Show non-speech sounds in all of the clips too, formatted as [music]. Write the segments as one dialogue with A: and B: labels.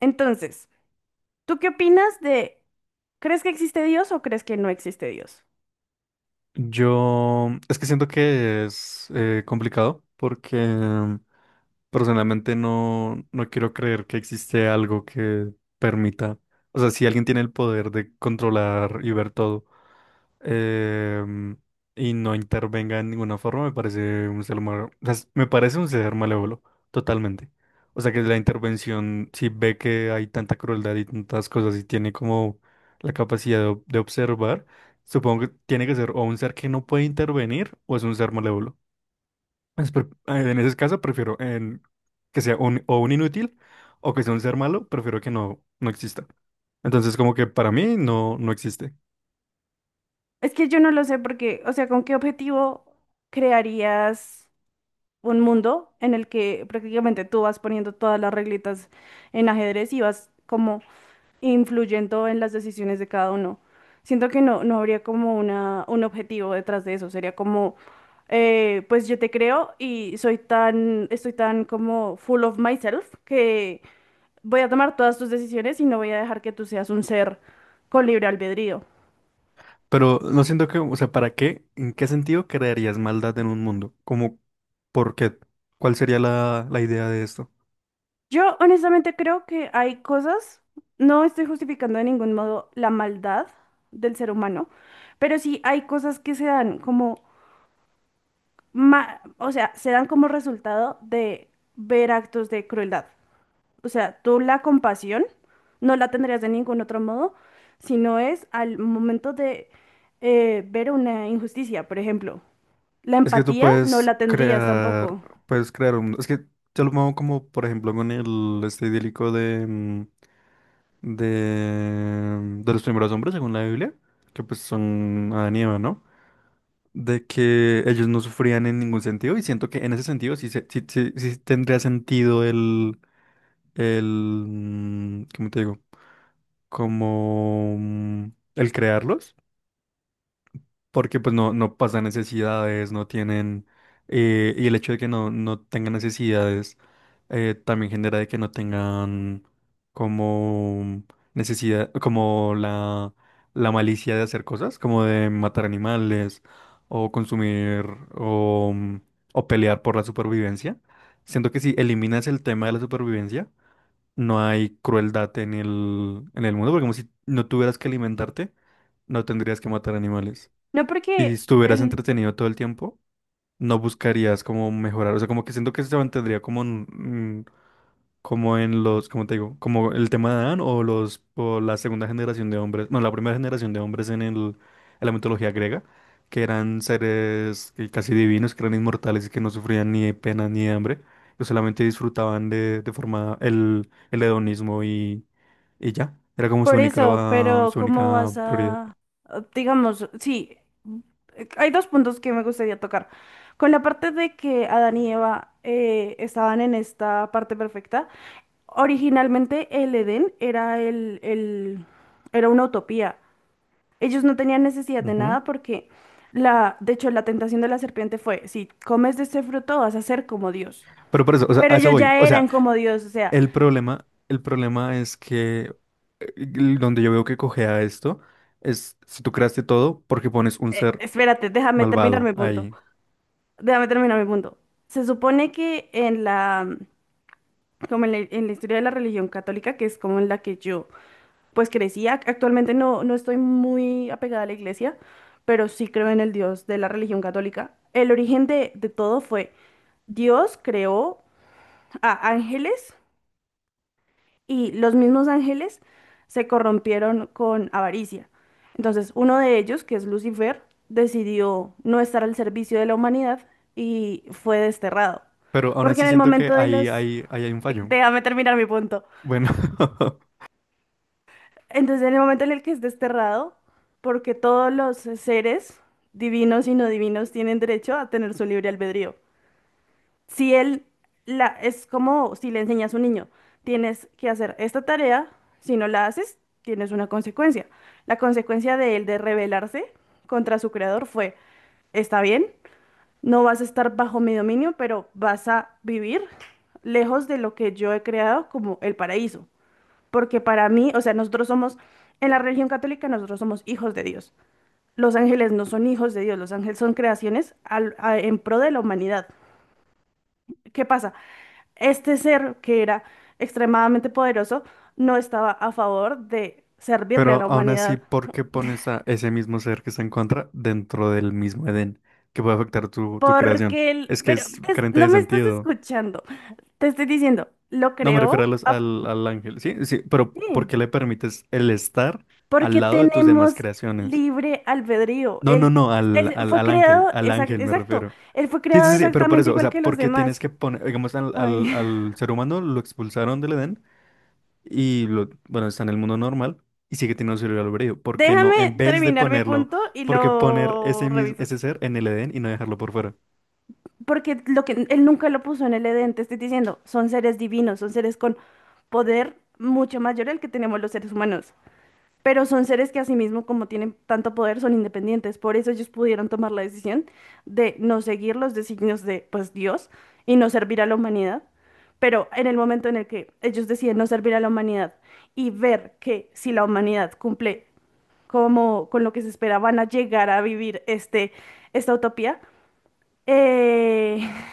A: Entonces, ¿tú qué opinas de, ¿crees que existe Dios o crees que no existe Dios?
B: Yo es que siento que es complicado porque personalmente no quiero creer que existe algo que permita, o sea, si alguien tiene el poder de controlar y ver todo em, y no intervenga en ninguna forma, me parece un ser malo, me parece un ser malévolo, totalmente. O sea, que la intervención, si ve que hay tanta crueldad y tantas cosas y tiene como la capacidad de observar. Supongo que tiene que ser o un ser que no puede intervenir o es un ser malévolo. En ese caso prefiero en que sea un, o un inútil o que sea un ser malo, prefiero que no exista. Entonces como que para mí no existe.
A: Es que yo no lo sé porque, o sea, ¿con qué objetivo crearías un mundo en el que prácticamente tú vas poniendo todas las reglitas en ajedrez y vas como influyendo en las decisiones de cada uno? Siento que no habría como una, un objetivo detrás de eso, sería como, pues yo te creo y soy tan, estoy tan como full of myself que voy a tomar todas tus decisiones y no voy a dejar que tú seas un ser con libre albedrío.
B: Pero no siento que, o sea, ¿para qué? ¿En qué sentido crearías maldad en un mundo? Como, ¿por qué? ¿Cuál sería la idea de esto?
A: Yo honestamente creo que hay cosas, no estoy justificando de ningún modo la maldad del ser humano, pero sí hay cosas que se dan como, o sea, se dan como resultado de ver actos de crueldad. O sea, tú la compasión no la tendrías de ningún otro modo, sino es al momento de ver una injusticia, por ejemplo. La
B: Es que tú
A: empatía no la tendrías tampoco.
B: puedes crear un mundo. Es que yo lo pongo como, por ejemplo, con el este idílico de... de los primeros hombres, según la Biblia, que pues son Adán y Eva, ¿no? De que ellos no sufrían en ningún sentido y siento que en ese sentido sí, sí tendría sentido el, ¿cómo te digo? Como mm, el crearlos. Porque pues no pasan necesidades, no tienen, y el hecho de que no tengan necesidades también genera de que no tengan como necesidad, como la malicia de hacer cosas, como de matar animales o consumir o, o pelear por la supervivencia. Siento que si eliminas el tema de la supervivencia, no hay crueldad en el mundo, porque como si no tuvieras que alimentarte, no tendrías que matar animales
A: No
B: y si
A: porque
B: estuvieras
A: el,
B: entretenido todo el tiempo, no buscarías como mejorar. O sea, como que siento que se mantendría como en, mm, como en los, como te digo, como el tema de Adán o los o la segunda generación de hombres, bueno, la primera generación de hombres en el, en la mitología griega, que eran seres casi divinos, que eran inmortales y que no sufrían ni de pena ni hambre, que solamente disfrutaban de forma el hedonismo y ya. Era como
A: por eso, pero
B: su única prioridad.
A: digamos, sí, hay dos puntos que me gustaría tocar. Con la parte de que Adán y Eva estaban en esta parte perfecta, originalmente el Edén era era una utopía. Ellos no tenían necesidad de
B: Ujú.
A: nada porque de hecho, la tentación de la serpiente fue, si comes de este fruto vas a ser como Dios.
B: Pero por eso, o sea, a
A: Pero
B: eso
A: ellos
B: voy.
A: ya
B: O sea,
A: eran como Dios, o sea,
B: el problema, el problema es que donde yo veo que cojea esto es si tú creaste todo porque pones un ser
A: Espérate, déjame terminar
B: malvado
A: mi punto.
B: ahí.
A: Déjame terminar mi punto. Se supone que como en la historia de la religión católica, que es como en la que yo pues crecía, actualmente no estoy muy apegada a la iglesia, pero sí creo en el Dios de la religión católica. El origen de todo fue Dios creó a ángeles y los mismos ángeles se corrompieron con avaricia. Entonces, uno de ellos, que es Lucifer, decidió no estar al servicio de la humanidad y fue desterrado.
B: Pero aún
A: Porque
B: así
A: en el
B: siento que
A: momento de los...
B: ahí hay un fallo.
A: Déjame terminar mi punto.
B: Bueno, [laughs]
A: Entonces, en el momento en el que es desterrado, porque todos los seres, divinos y no divinos, tienen derecho a tener su libre albedrío. Si él es como si le enseñas a un niño, tienes que hacer esta tarea, si no la haces, tienes una consecuencia. La consecuencia de él de rebelarse contra su creador fue, está bien, no vas a estar bajo mi dominio, pero vas a vivir lejos de lo que yo he creado como el paraíso. Porque para mí, o sea, nosotros somos, en la religión católica, nosotros somos hijos de Dios. Los ángeles no son hijos de Dios, los ángeles son creaciones en pro de la humanidad. ¿Qué pasa? Este ser que era extremadamente poderoso no estaba a favor de servirle a
B: pero
A: la
B: aún así,
A: humanidad.
B: ¿por qué pones a ese mismo ser que se encuentra dentro del mismo Edén que puede afectar tu creación?
A: Porque él,
B: Es que
A: pero
B: es carente
A: no
B: de
A: me estás
B: sentido.
A: escuchando, te estoy diciendo,
B: No me refiero a al ángel, sí, sí, pero ¿por
A: sí,
B: qué le permites el estar al
A: porque
B: lado de tus demás
A: tenemos
B: creaciones?
A: libre albedrío.
B: No, no,
A: Él,
B: no,
A: él fue creado,
B: al ángel me
A: exacto,
B: refiero.
A: él fue
B: Sí,
A: creado
B: sí, sí, pero por
A: exactamente
B: eso, o
A: igual que
B: sea,
A: los
B: porque tienes
A: demás.
B: que poner, digamos,
A: Ay. [laughs]
B: al ser humano lo expulsaron del Edén y lo, bueno, está en el mundo normal y sigue teniendo su libre albedrío. ¿Por qué no? En
A: Déjame
B: vez de
A: terminar mi
B: ponerlo,
A: punto y
B: ¿por qué poner
A: lo
B: ese mismo,
A: revisas.
B: ese ser en el Edén y no dejarlo por fuera?
A: Porque lo que él nunca lo puso en el Edén, te estoy diciendo, son seres divinos, son seres con poder mucho mayor al que tenemos los seres humanos, pero son seres que asimismo, como tienen tanto poder, son independientes, por eso ellos pudieron tomar la decisión de no seguir los designios de, pues, Dios y no servir a la humanidad, pero en el momento en el que ellos deciden no servir a la humanidad y ver que si la humanidad cumple como con lo que se espera, van a llegar a vivir esta utopía, eh,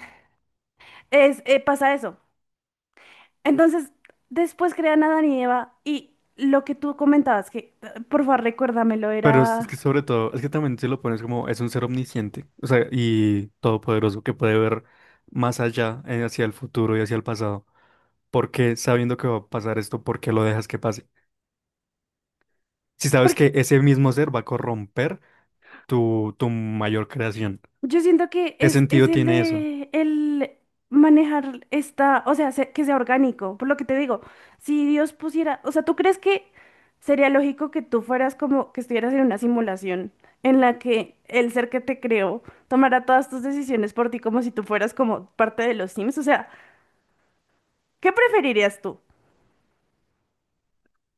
A: pasa eso. Entonces, después crean a Adán y Eva y lo que tú comentabas, que por favor recuérdamelo,
B: Pero es
A: era...
B: que sobre todo, es que también si lo pones como, es un ser omnisciente, o sea, y todopoderoso que puede ver más allá, hacia el futuro y hacia el pasado. ¿Por qué, sabiendo que va a pasar esto, por qué lo dejas que pase? Si sabes
A: Porque
B: que ese mismo ser va a corromper tu mayor creación.
A: yo siento que
B: ¿Qué
A: es
B: sentido
A: el
B: tiene eso?
A: de el manejar esta, o sea, que sea orgánico, por lo que te digo, si Dios pusiera, o sea, ¿tú crees que sería lógico que tú fueras como que estuvieras en una simulación en la que el ser que te creó tomara todas tus decisiones por ti como si tú fueras como parte de los Sims? O sea, ¿qué preferirías tú?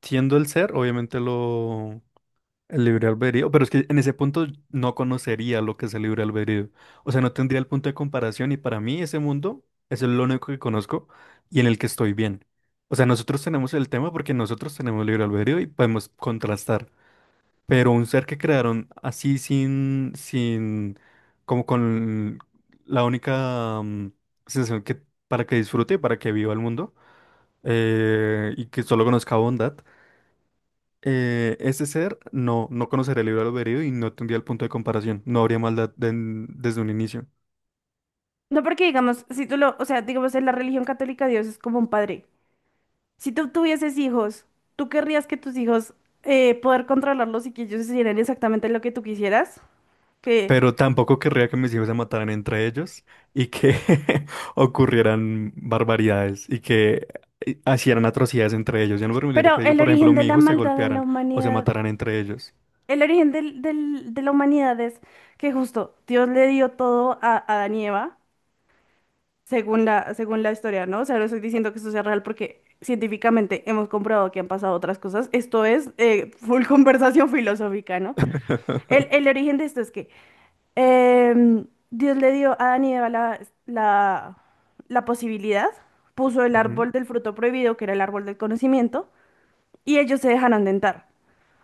B: Siendo el ser, obviamente lo el libre albedrío, pero es que en ese punto no conocería lo que es el libre albedrío. O sea, no tendría el punto de comparación y para mí ese mundo es el único que conozco y en el que estoy bien. O sea, nosotros tenemos el tema porque nosotros tenemos libre albedrío y podemos contrastar. Pero un ser que crearon así sin, como con la única sensación que para que disfrute y para que viva el mundo y que solo conozca bondad, ese ser no conocería el libre albedrío y no tendría el punto de comparación, no habría desde un inicio.
A: No, porque digamos, si tú lo, o sea, digamos, en la religión católica Dios es como un padre. Si tú tuvieses hijos, ¿tú querrías que tus hijos poder controlarlos y que ellos hicieran exactamente lo que tú quisieras? Que...
B: Pero tampoco querría que mis hijos se mataran entre ellos y que [laughs] ocurrieran barbaridades y que hicieran atrocidades entre ellos. Yo no permitiría que,
A: Pero
B: digo,
A: el
B: por ejemplo,
A: origen de
B: mi
A: la
B: hijo se
A: maldad en la
B: golpearan o se
A: humanidad,
B: mataran entre ellos.
A: el origen de la humanidad es que justo Dios le dio todo a Adán y Eva, según la historia, ¿no? O sea, no estoy diciendo que esto sea real porque científicamente hemos comprobado que han pasado otras cosas. Esto es full [laughs] conversación filosófica, ¿no?
B: [laughs]
A: El origen de esto es que Dios le dio a Adán y Eva la, la, la posibilidad, puso el
B: Ujú.
A: árbol del fruto prohibido, que era el árbol del conocimiento, y ellos se dejaron tentar,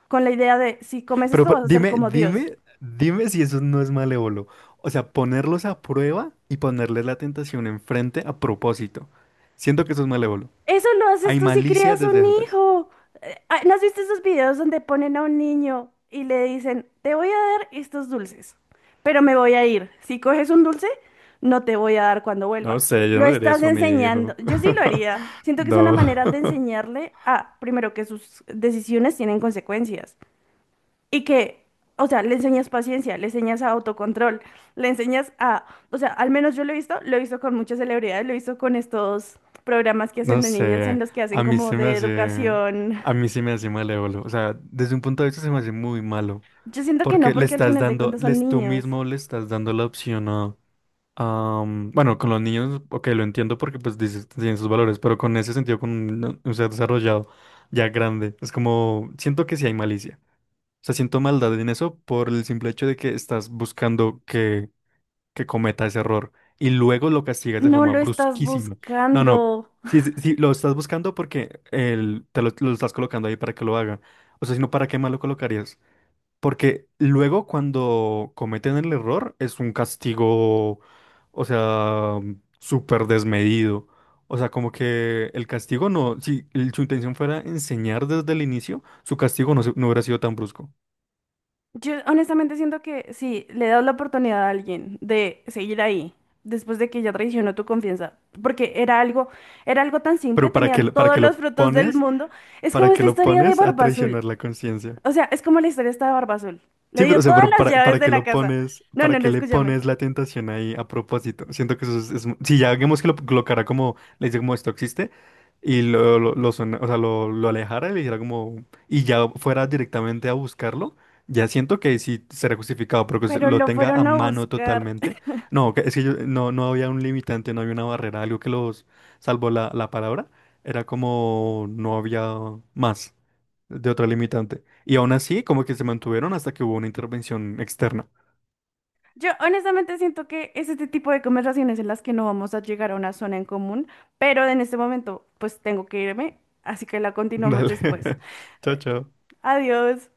A: con la idea de, si comes
B: Pero,
A: esto
B: pero
A: vas a ser
B: dime,
A: como Dios.
B: dime, dime si eso no es malévolo. O sea, ponerlos a prueba y ponerles la tentación enfrente a propósito. Siento que eso es malévolo.
A: Eso lo haces
B: Hay
A: tú si
B: malicia
A: crías
B: desde
A: un
B: antes.
A: hijo. ¿No has visto esos videos donde ponen a un niño y le dicen, te voy a dar estos dulces, pero me voy a ir? Si coges un dulce, no te voy a dar cuando
B: No
A: vuelva.
B: sé, yo
A: Lo
B: no le haría
A: estás
B: eso a mi
A: enseñando.
B: hijo.
A: Yo sí lo
B: [laughs]
A: haría. Siento que es una
B: No.
A: manera de enseñarle a, primero, que sus decisiones tienen consecuencias. Y que, o sea, le enseñas paciencia, le enseñas a autocontrol, le enseñas a, o sea, al menos yo lo he visto con muchas celebridades, lo he visto con estos programas que
B: No
A: hacen de niños en
B: sé,
A: los que
B: a
A: hacen
B: mí
A: como
B: se me
A: de
B: hace,
A: educación.
B: a mí se me hace malévolo. O sea, desde un punto de vista se me hace muy malo.
A: Yo siento que no,
B: Porque le
A: porque al
B: estás
A: final de
B: dando,
A: cuentas son
B: les, tú
A: niños.
B: mismo le estás dando la opción a, bueno, con los niños, ok, lo entiendo porque pues dices, tienen sus valores, pero con ese sentido, con un ser desarrollado ya grande, es como, siento que sí hay malicia. O sea, siento maldad en eso por el simple hecho de que estás buscando que cometa ese error y luego lo castigas de
A: No
B: forma
A: lo estás
B: brusquísima. No, no,
A: buscando.
B: si, si lo estás buscando porque el, te lo estás colocando ahí para que lo haga. O sea, si no, ¿para qué más lo colocarías? Porque luego cuando cometen el error es un castigo, o sea, súper desmedido. O sea, como que el castigo no, si el- su intención fuera enseñar desde el inicio, su castigo no, no hubiera sido tan brusco.
A: Yo honestamente siento que si le das la oportunidad a alguien de seguir ahí, después de que ya traicionó tu confianza, porque era algo tan simple,
B: Pero
A: tenían
B: para
A: todos
B: que
A: los
B: lo
A: frutos del
B: pones?
A: mundo. Es
B: ¿Para
A: como
B: que
A: esta
B: lo
A: historia de
B: pones a
A: Barba Azul.
B: traicionar la conciencia?
A: O sea, es como la historia esta de Barba Azul. Le
B: Sí,
A: dio
B: pero, o sea,
A: todas
B: pero
A: las llaves
B: para
A: de
B: qué
A: la
B: lo
A: casa.
B: pones,
A: No,
B: para
A: no, no,
B: qué le
A: escúchame.
B: pones la tentación ahí a propósito. Siento que eso es, si ya digamos que lo colocara como, le dice como esto existe, y o sea, lo alejara y le dijera como, y ya fuera directamente a buscarlo, ya siento que sí será justificado, pero que se
A: Pero
B: lo
A: lo
B: tenga a
A: fueron a
B: mano
A: buscar.
B: totalmente. No, que- es que yo, no había un limitante, no había una barrera, algo que los salvó la palabra, era como no había más de otra limitante. Y aún así, como que se mantuvieron hasta que hubo una intervención externa.
A: Yo honestamente siento que es este tipo de conversaciones en las que no vamos a llegar a una zona en común, pero en este momento pues tengo que irme, así que la
B: [laughs]
A: continuamos después.
B: Dale. [laughs] Chao, chao.
A: Adiós.